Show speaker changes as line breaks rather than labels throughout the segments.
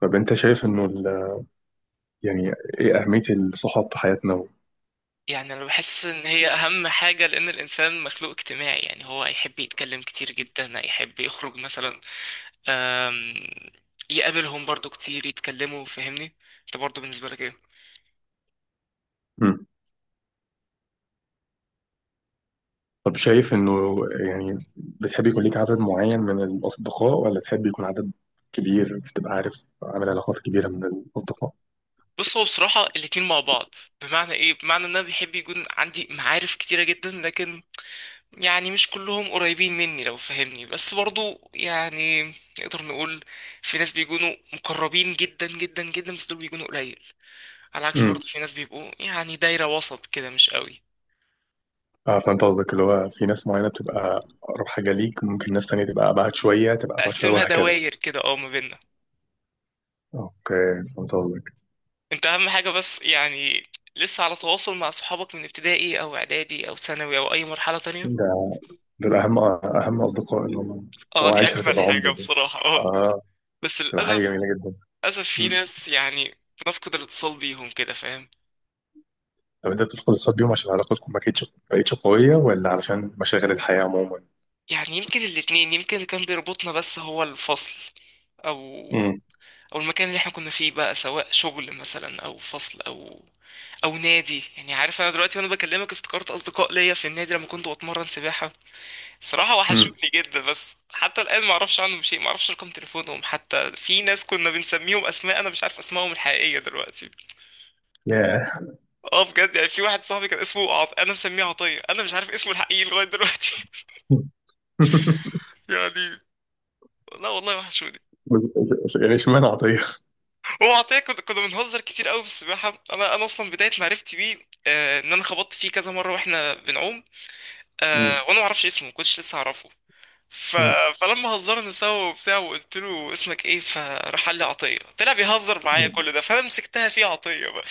طب انت شايف انه يعني ايه اهمية الصحاب في حياتنا و.
يعني انا بحس ان هي اهم حاجة، لان الانسان مخلوق اجتماعي. يعني هو هيحب يتكلم كتير جدا، هيحب يخرج مثلا، آم، يقابلهم برضو كتير، يتكلموا. فاهمني؟ انت برضو بالنسبة لك ايه؟
مم. طب شايف انه يعني بتحب يكون ليك عدد معين من الاصدقاء، ولا تحب يكون عدد كبير، بتبقى عارف، عامل علاقات كبيرة من الاصدقاء؟
بص، هو بصراحة الاتنين مع بعض. بمعنى ايه؟ بمعنى ان انا بيحب يكون عندي معارف كتيرة جدا، لكن يعني مش كلهم قريبين مني، لو فهمني. بس برضو يعني نقدر نقول في ناس بيكونوا مقربين جدا جدا جدا، بس دول بيكونوا قليل. على عكس برضه
امم
في ناس بيبقوا يعني دايرة وسط كده مش قوي.
اه، فانت قصدك اللي هو في ناس معينة بتبقى اقرب حاجة ليك، ممكن ناس تانية تبقى ابعد شوية، تبقى ابعد شوية،
اقسمها
وهكذا.
دواير كده، اه، ما بيننا.
اوكي، فهمت قصدك.
انت اهم حاجة، بس يعني لسه على تواصل مع صحابك من ابتدائي او اعدادي او ثانوي او اي مرحلة تانية؟
ده دول اهم اهم اصدقاء اللي هم.
اه،
هو
دي
عشرة
اجمل
العمر
حاجة
دول.
بصراحة، اه.
اه،
بس
تبقى حاجة
للاسف
جميلة جدا.
للاسف في ناس يعني بنفقد الاتصال بيهم كده، فاهم؟
طب انت بتدخل الاقتصاد بيهم عشان علاقتكم ما كانتش ما بقتش قويه، ولا عشان مشاغل الحياه عموما؟
يعني يمكن الاتنين. يمكن اللي كان بيربطنا بس هو الفصل، او
امم
او المكان اللي احنا كنا فيه بقى، سواء شغل مثلا او فصل او نادي. يعني عارف، انا دلوقتي وانا بكلمك افتكرت اصدقاء ليا في النادي، لما كنت بتمرن سباحه. صراحه
امم
وحشوني جدا، بس حتى الان ما اعرفش عنهم شيء. ما اعرفش رقم تليفونهم، حتى في ناس كنا بنسميهم اسماء، انا مش عارف اسمائهم الحقيقيه دلوقتي.
ياه.
اه بجد، يعني في واحد صاحبي كان اسمه انا مسميه عطيه. انا مش عارف اسمه الحقيقي لغايه دلوقتي. يعني، لا والله وحشوني.
بس- بس يعني اشمعنى عطيه؟
هو عطيه، كنا بنهزر كتير قوي في السباحه. انا اصلا بدايه معرفتي بيه، ان انا خبطت فيه كذا مره واحنا بنعوم.
مم.
وانا ما اعرفش اسمه، ما كنتش لسه اعرفه. ف...
مم.
فلما هزرنا سوا وبتاع وقلت له اسمك ايه، فراح قال لي عطيه، طلع بيهزر معايا،
مم.
كل ده فانا مسكتها فيه عطيه بقى.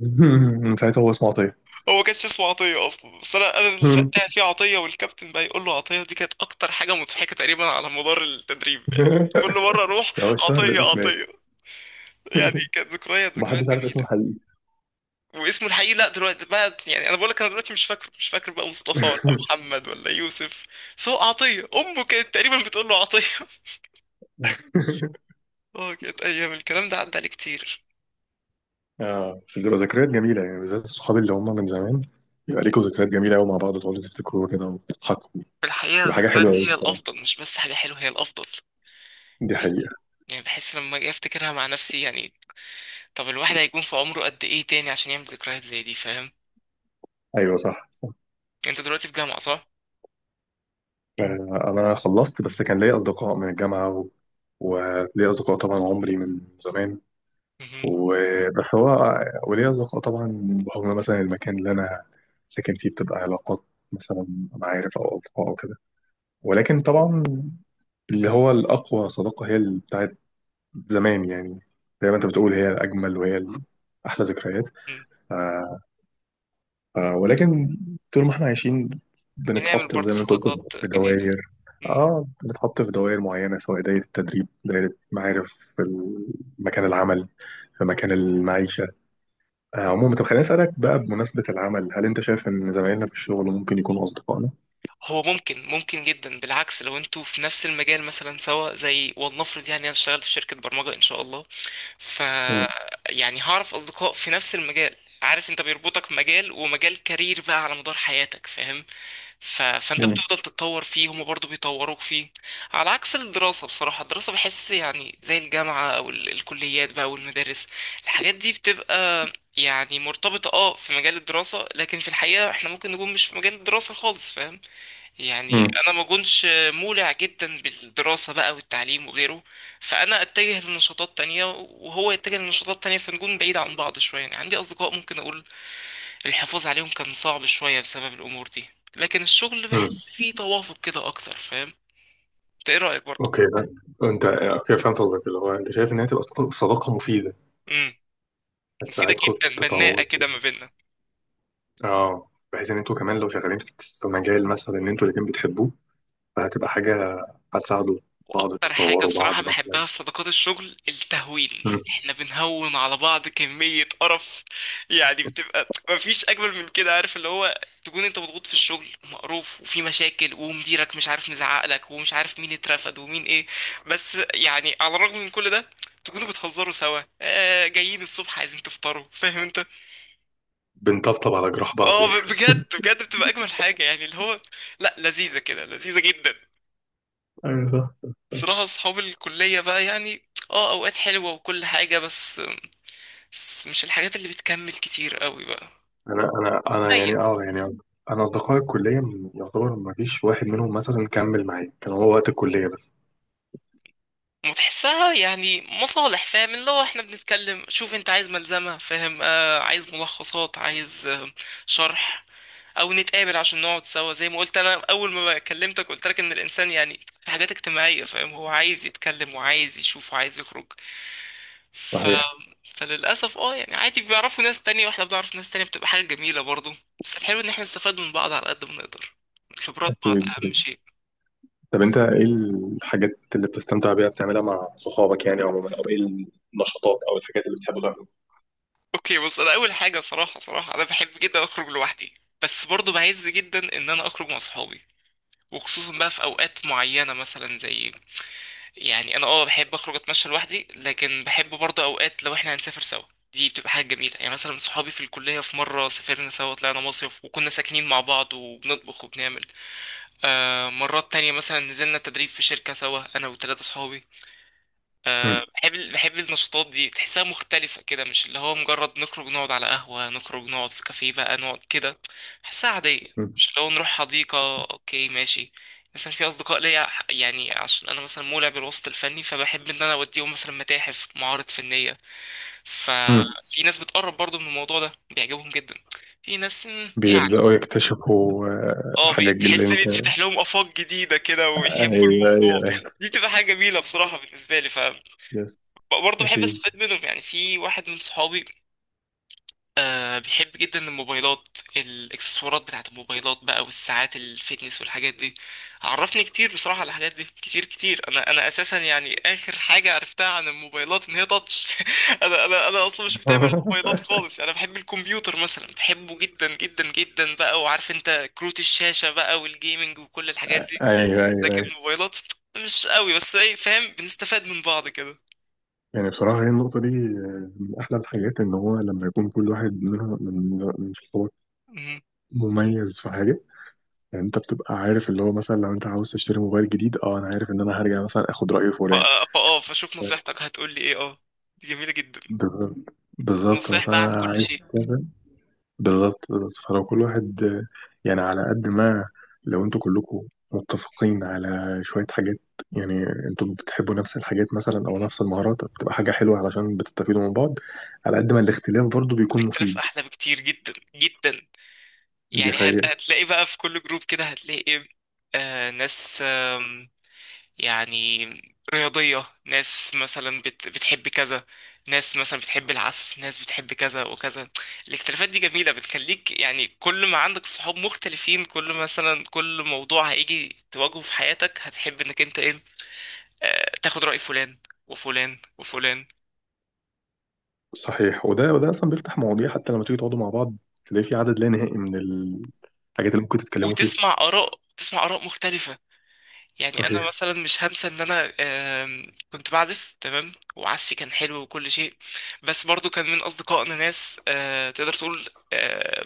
من ساعتها هو اسمه عطيه.
هو ما كانش اسمه عطيه اصلا، بس انا اللي زقتها فيه عطيه، والكابتن بقى يقول له عطيه. دي كانت اكتر حاجه مضحكه تقريبا على مدار التدريب يعني، كل مره اروح
ده هو اشتهر
عطيه
بالاسم ايه؟
عطيه. يعني كانت ذكريات
ومحدش
ذكريات
عارف اسمه
جميله.
الحقيقي.
واسمه الحقيقي، لا دلوقتي بقى، يعني انا بقول لك انا دلوقتي مش فاكر بقى مصطفى ولا محمد ولا يوسف. بس هو عطيه، امه كانت تقريبا بتقول له عطيه. اه كانت ايام، الكلام ده عدى عليه كتير.
اه، بس بتبقى ذكريات جميله، يعني بالذات الصحاب اللي هم من زمان يبقى ليكوا ذكريات جميله قوي مع بعض، تقعدوا تفتكروا كده وتضحكوا.
في الحقيقة
تبقى حاجه حلوه
الذكريات
قوي
هي
بصراحه.
الأفضل. مش بس حاجة حلوة، هي الأفضل.
دي حقيقه.
يعني بحس لما أجي أفتكرها مع نفسي يعني. طب الواحد هيكون في عمره قد إيه تاني عشان يعمل ذكريات زي دي، فاهم؟
ايوه، صح.
أنت دلوقتي في جامعة صح؟
آه، أنا خلصت، بس كان ليا أصدقاء من الجامعة و. وليا أصدقاء طبعا عمري من زمان.
مهم.
وبس هو وليا أصدقاء طبعا بحكم مثلا المكان اللي أنا ساكن فيه، بتبقى علاقات مثلا، معارف أو أصدقاء أو كده. ولكن طبعا اللي هو الأقوى صداقة هي اللي بتاعت زمان، يعني زي ما أنت بتقول هي الأجمل وهي أحلى ذكريات.
مم.
آه، آه، ولكن طول ما احنا عايشين
بنعمل
بنتحط
برضه
زي ما انت قلت
صداقات
في
جديدة.
دوائر.
مم.
اه، بنتحط في دوائر معينة، سواء دايرة التدريب، دايرة معارف، في مكان العمل، في مكان المعيشة. آه، عموما، طب خليني أسألك بقى بمناسبة العمل، هل أنت شايف إن زمايلنا في الشغل ممكن يكونوا أصدقائنا؟
هو ممكن جدا بالعكس، لو انتوا في نفس المجال مثلا سوا، زي ولنفرض يعني انا اشتغلت في شركة برمجة ان شاء الله. ف
مم.
يعني هعرف اصدقاء في نفس المجال. عارف انت، بيربطك مجال، ومجال كارير بقى على مدار حياتك، فاهم؟ فانت
مم.
بتفضل تتطور فيه، هما برضو بيطوروك فيه. على عكس الدراسة، بصراحة الدراسة بحس يعني زي الجامعة او الكليات بقى والمدارس، الحاجات دي بتبقى يعني مرتبطة، اه، في مجال الدراسة. لكن في الحقيقة احنا ممكن نكون مش في مجال الدراسة خالص، فاهم؟ يعني
مم.
انا ما كنتش مولع جدا بالدراسة بقى والتعليم وغيره، فانا اتجه لنشاطات تانية وهو يتجه لنشاطات تانية، فنكون بعيد عن بعض شوية. يعني عندي اصدقاء ممكن اقول الحفاظ عليهم كان صعب شوية بسبب الأمور دي. لكن الشغل
مم.
بحس فيه توافق كده أكتر، فاهم؟ انت ايه رأيك برضه؟
اوكي، انت اوكي، فهمت قصدك اللي هو انت شايف ان هي تبقى صداقة مفيده،
امم. مفيدة
هتساعدكم
جدا، بناءة
تطور.
كده ما بيننا.
اه، بحيث ان انتوا كمان لو شغالين في مجال مثلا ان انتوا الاتنين بتحبوه، فهتبقى حاجة، هتساعدوا بعض،
واكتر حاجة
تطوروا بعض
بصراحة
بقى.
بحبها في صداقات الشغل، التهوين.
مم.
احنا بنهون على بعض كمية قرف، يعني بتبقى مفيش اجمل من كده، عارف؟ اللي هو تكون انت مضغوط في الشغل، ومقروف، وفي مشاكل، ومديرك مش عارف مزعقلك، ومش عارف مين اترفد ومين ايه. بس يعني على الرغم من كل ده، تكونوا بتهزروا سوا، جايين الصبح عايزين تفطروا، فاهم انت؟
بنطبطب على جراح بعض
اه،
يعني.
بجد بجد، بتبقى اجمل حاجة يعني. اللي هو، لا، لذيذة كده، لذيذة جدا.
ايوه، صح، صح.
صراحة أصحاب الكلية بقى، يعني اه أوقات حلوة وكل حاجة، بس مش الحاجات اللي بتكمل كتير قوي بقى.
انا
قليل.
يعني، اه يعني، انا اصدقائي الكليه يعتبر ما فيش واحد منهم مثلا كمل معايا، كان هو وقت الكليه بس.
وتحسها يعني مصالح، فاهم؟ اللي هو احنا بنتكلم، شوف انت عايز ملزمة، فاهم، عايز ملخصات، عايز شرح. او نتقابل عشان نقعد سوا. زي ما قلت انا اول ما كلمتك، قلت لك ان الانسان يعني في حاجات اجتماعيه، فاهم؟ هو عايز يتكلم وعايز يشوف وعايز يخرج. ف...
صحيح.
فللاسف، اه، يعني عادي بيعرفوا ناس تانية واحنا بنعرف ناس تانية، بتبقى حاجه جميله برضو. بس الحلو ان احنا نستفاد من بعض على قد ما نقدر، خبرات بعض اهم شيء.
طب انت ايه الحاجات اللي بتستمتع بيها بتعملها مع صحابك، يعني عموما، او ايه النشاطات او الحاجات اللي بتحبوا تعملوها؟
اوكي بص، انا اول حاجه، صراحه صراحه انا بحب جدا اخرج لوحدي. بس برضو بعز جدا ان انا اخرج مع صحابي، وخصوصا بقى في اوقات معينه، مثلا زي يعني انا اه بحب اخرج اتمشى لوحدي، لكن بحب برضه اوقات لو احنا هنسافر سوا. دي بتبقى حاجة جميلة. يعني مثلا صحابي في الكلية، في مرة سافرنا سوا، طلعنا مصيف وكنا ساكنين مع بعض وبنطبخ وبنعمل. مرات تانية مثلا نزلنا تدريب في شركة سوا، انا وثلاثة صحابي.
مم.
بحب النشاطات دي، تحسها مختلفة كده. مش اللي هو مجرد نخرج نقعد على قهوة، نخرج نقعد في كافيه بقى، نقعد كده، بحسها عادية.
مم.
مش اللي هو نروح حديقة، اوكي ماشي. مثلا في أصدقاء ليا يعني عشان أنا مثلا مولع بالوسط الفني، فبحب إن أنا أوديهم مثلا متاحف، معارض فنية.
مم.
ففي ناس بتقرب برضو من الموضوع ده، بيعجبهم جدا. في ناس يعني
بيبدأوا يكتشفوا آه،
اه
الحاجات اللي
تحس
انت.
بيتفتح لهم آفاق جديدة كده ويحبوا
ايوه،
الموضوع.
ايوه.
دي بتبقى حاجة جميلة بصراحة بالنسبة لي.
يس.
برضه بحب
اكيد.
استفاد منهم، يعني في واحد من صحابي، بيحب جدا الموبايلات، الاكسسوارات بتاعت الموبايلات بقى، والساعات الفيتنس والحاجات دي. عرفني كتير بصراحة على الحاجات دي كتير كتير. انا اساسا يعني اخر حاجة عرفتها عن الموبايلات ان هي تاتش. انا اصلا مش متابع الموبايلات خالص. يعني انا بحب الكمبيوتر مثلا، بحبه جدا جدا جدا بقى، وعارف انت كروت الشاشة بقى والجيمنج وكل الحاجات دي.
ايوه، ايوه،
لكن
ايوه.
الموبايلات مش قوي، بس ايه، فاهم، بنستفاد من بعض
يعني بصراحه هي النقطه دي آه، من احلى الحاجات ان هو لما يكون كل واحد منها من صحابك
كده.
مميز في حاجه. يعني انت بتبقى عارف اللي هو مثلا لو انت عاوز تشتري موبايل جديد، اه انا عارف ان انا هرجع مثلا اخد راي
ف-
فلان.
فاه فشوف نصيحتك هتقول لي ايه، اه. دي جميلة جدا،
بالظبط، بالظبط.
نصايح
مثلا
بقى عن
انا
كل
عايز.
شيء.
بالظبط، بالظبط. فلو كل واحد آه، يعني على قد ما لو انتوا كلكم متفقين على شوية حاجات، يعني انتوا بتحبوا نفس الحاجات مثلا او نفس المهارات، بتبقى حاجة حلوة علشان بتستفيدوا من بعض. على قد ما الاختلاف برضو بيكون
الاختلاف
مفيد.
احلى بكتير جدا جدا.
دي
يعني
حقيقة.
هتلاقي بقى في كل جروب كده، هتلاقي ايه؟ ناس يعني رياضية، ناس مثلا بتحب كذا، ناس مثلا بتحب العزف، ناس بتحب كذا وكذا. الاختلافات دي جميلة، بتخليك يعني، كل ما عندك صحاب مختلفين، كل مثلا كل موضوع هيجي تواجهه في حياتك، هتحب انك انت ايه، تاخد رأي فلان وفلان وفلان،
صحيح، وده اصلا بيفتح مواضيع حتى لما تيجي تقعدوا مع بعض، تلاقي في عدد لا نهائي من الحاجات اللي ممكن تتكلموا فيها.
وتسمع آراء تسمع آراء مختلفة. يعني أنا
صحيح.
مثلا مش هنسى إن أنا كنت بعزف تمام وعزفي كان حلو وكل شيء. بس برضو كان من أصدقائنا ناس، تقدر تقول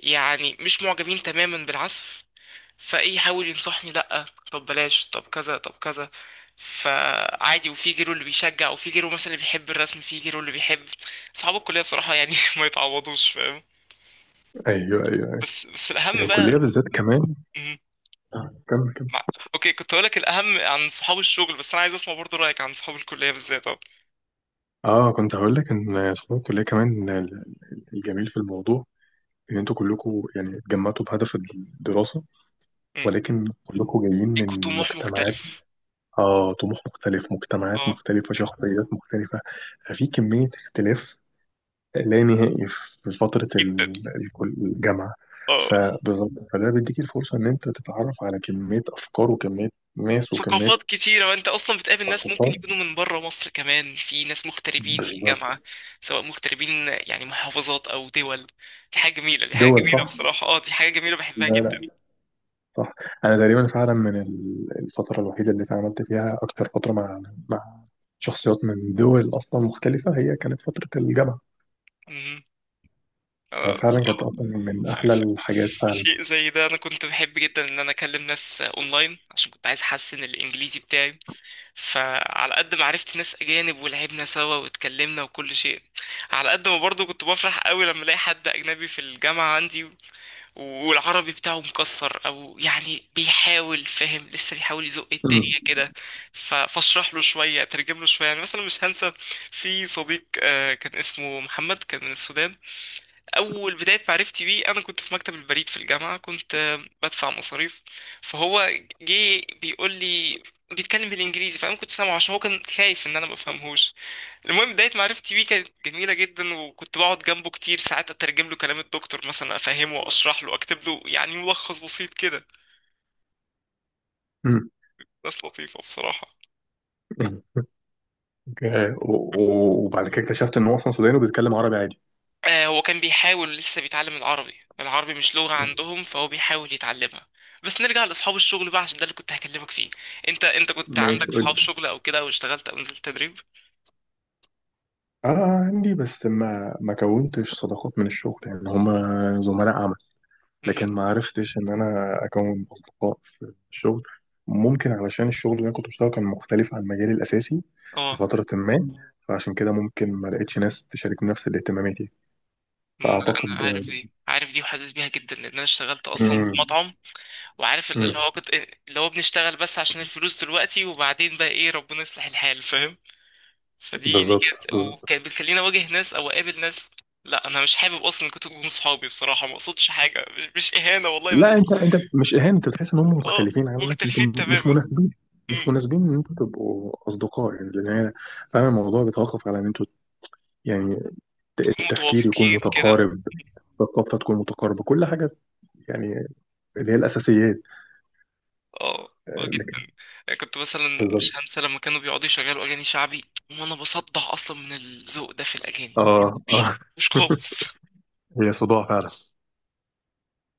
يعني مش معجبين تماما بالعزف. فإيه، يحاول ينصحني، لأ، طب بلاش، طب كذا، طب كذا. فعادي، وفي غيره اللي بيشجع، وفي غيره مثلا اللي بيحب الرسم، في غيره اللي بيحب. أصحاب الكلية بصراحة يعني ما يتعوضوش، فاهم؟
ايوه، ايوه، ايوه.
بس
هي
الأهم بقى،
الكلية بالذات كمان. آه، كمل، كمل.
مع... اوكي كنت هقول لك الاهم عن صحاب الشغل، بس انا عايز اسمع برضو رايك عن صحاب الكليه بالذات، اه.
اه كنت هقول لك ان صحاب الكلية كمان، الجميل في الموضوع ان انتوا كلكم يعني اتجمعتوا بهدف الدراسة.
أمم.
ولكن كلكم جايين
ليكوا
من
طموح
مجتمعات.
مختلف،
آه، طموح مختلف، مجتمعات
اه
مختلفة، شخصيات مختلفة. ففي كمية اختلاف لا نهائي في فترة
جدا.
الجامعة.
اه
فبالظبط، فده بيديك الفرصة إن أنت تتعرف على كمية أفكار، وكمية ناس، وكمية
ثقافات كتيره، وانت اصلا بتقابل ناس ممكن
ثقافات.
يكونوا من بره مصر كمان، في ناس مغتربين في
بالظبط.
الجامعه، سواء مغتربين يعني محافظات او دول. دي حاجه جميله، دي حاجه
دول
جميله
صح؟
بصراحه، اه دي حاجه جميله بحبها
لا
جدا.
لا. صح. انا تقريبا فعلا من الفتره الوحيده اللي اتعاملت فيها اكتر فتره مع، مع شخصيات من دول اصلا مختلفه، هي كانت فتره الجامعه.
أمم. اه
فعلا كانت
بصراحه،
أصلاً من
ف-
احلى
ف-
الحاجات
في
فعلا.
شيء زي ده، انا كنت بحب جدا ان انا اكلم ناس اونلاين عشان كنت عايز احسن الانجليزي بتاعي. فعلى قد ما عرفت ناس اجانب ولعبنا سوا واتكلمنا وكل شيء، على قد ما برضو كنت بفرح قوي لما الاقي حد اجنبي في الجامعه عندي، والعربي بتاعه مكسر، او يعني بيحاول، فاهم، لسه بيحاول يزق
مم.
الدنيا كده. فاشرح له شويه، اترجم له شويه. يعني مثلا مش هنسى في صديق، كان اسمه محمد، كان من السودان. اول بدايه معرفتي بيه، انا كنت في مكتب البريد في الجامعه، كنت بدفع مصاريف. فهو جه بيقول لي، بيتكلم بالانجليزي. فانا كنت سامعه، عشان هو كان خايف ان انا ما بفهمهوش. المهم، بدايه معرفتي بيه كانت جميله جدا، وكنت بقعد جنبه كتير ساعات، اترجم له كلام الدكتور مثلا، افهمه واشرح له، اكتب له يعني ملخص بسيط كده.
مم.
ناس لطيفه بصراحه.
مم. أوكي. وبعد كده اكتشفت ان هو اصلا سوداني وبيتكلم عربي عادي.
هو كان بيحاول، لسه بيتعلم العربي. العربي مش لغة عندهم، فهو بيحاول يتعلمها. بس نرجع لأصحاب الشغل بقى عشان ده اللي كنت هكلمك فيه. انت كنت
ماشي،
عندك
قول
صحاب
لي.
شغل او كده، او اشتغلت او نزلت تدريب؟
اه، عندي بس ما كونتش صداقات من الشغل، يعني هما زملاء.
مهم.
لكن ما عرفتش ان انا اكون اصدقاء في الشغل، ممكن علشان الشغل اللي انا كنت بشتغله كان مختلف عن مجالي الاساسي في
اه.
فتره ما. فعشان كده ممكن ما لقيتش ناس تشارك نفس الاهتماماتي، فاعتقد.
انا عارف دي، وحاسس بيها جدا، لان انا اشتغلت اصلا في
مم.
مطعم. وعارف اللي
مم.
هو كنت اللي هو بنشتغل بس عشان الفلوس دلوقتي، وبعدين بقى ايه ربنا يصلح الحال فاهم. فدي
بالظبط.
كانت بتخليني اواجه ناس او اقابل ناس. لا انا مش حابب اصلا كنت تكونوا صحابي بصراحه، ما اقصدش حاجه، مش اهانه والله
لا،
بس.
انت انت مش اهانه، انت بتحس ان هم
اه،
مختلفين عنك، انتوا
مختلفين
مش
تماما.
مناسبين. مش
امم.
مناسبين ان انتوا تبقوا اصدقاء، يعني لان هي فعلا الموضوع بيتوقف على ان انتوا، يعني
تكونوا
التفكير يكون
متوافقين كده.
متقارب، الثقافه تكون متقاربه، كل حاجه، يعني اللي هي الأساسيات.
اه اه
لكن.
جدا. يعني كنت مثلا مش
بالظبط.
هنسى لما كانوا بيقعدوا يشغلوا اغاني شعبي، وانا بصدع اصلا من الذوق ده في الاغاني،
اه،
مش
اه.
مش خالص.
هي صداع فعلا.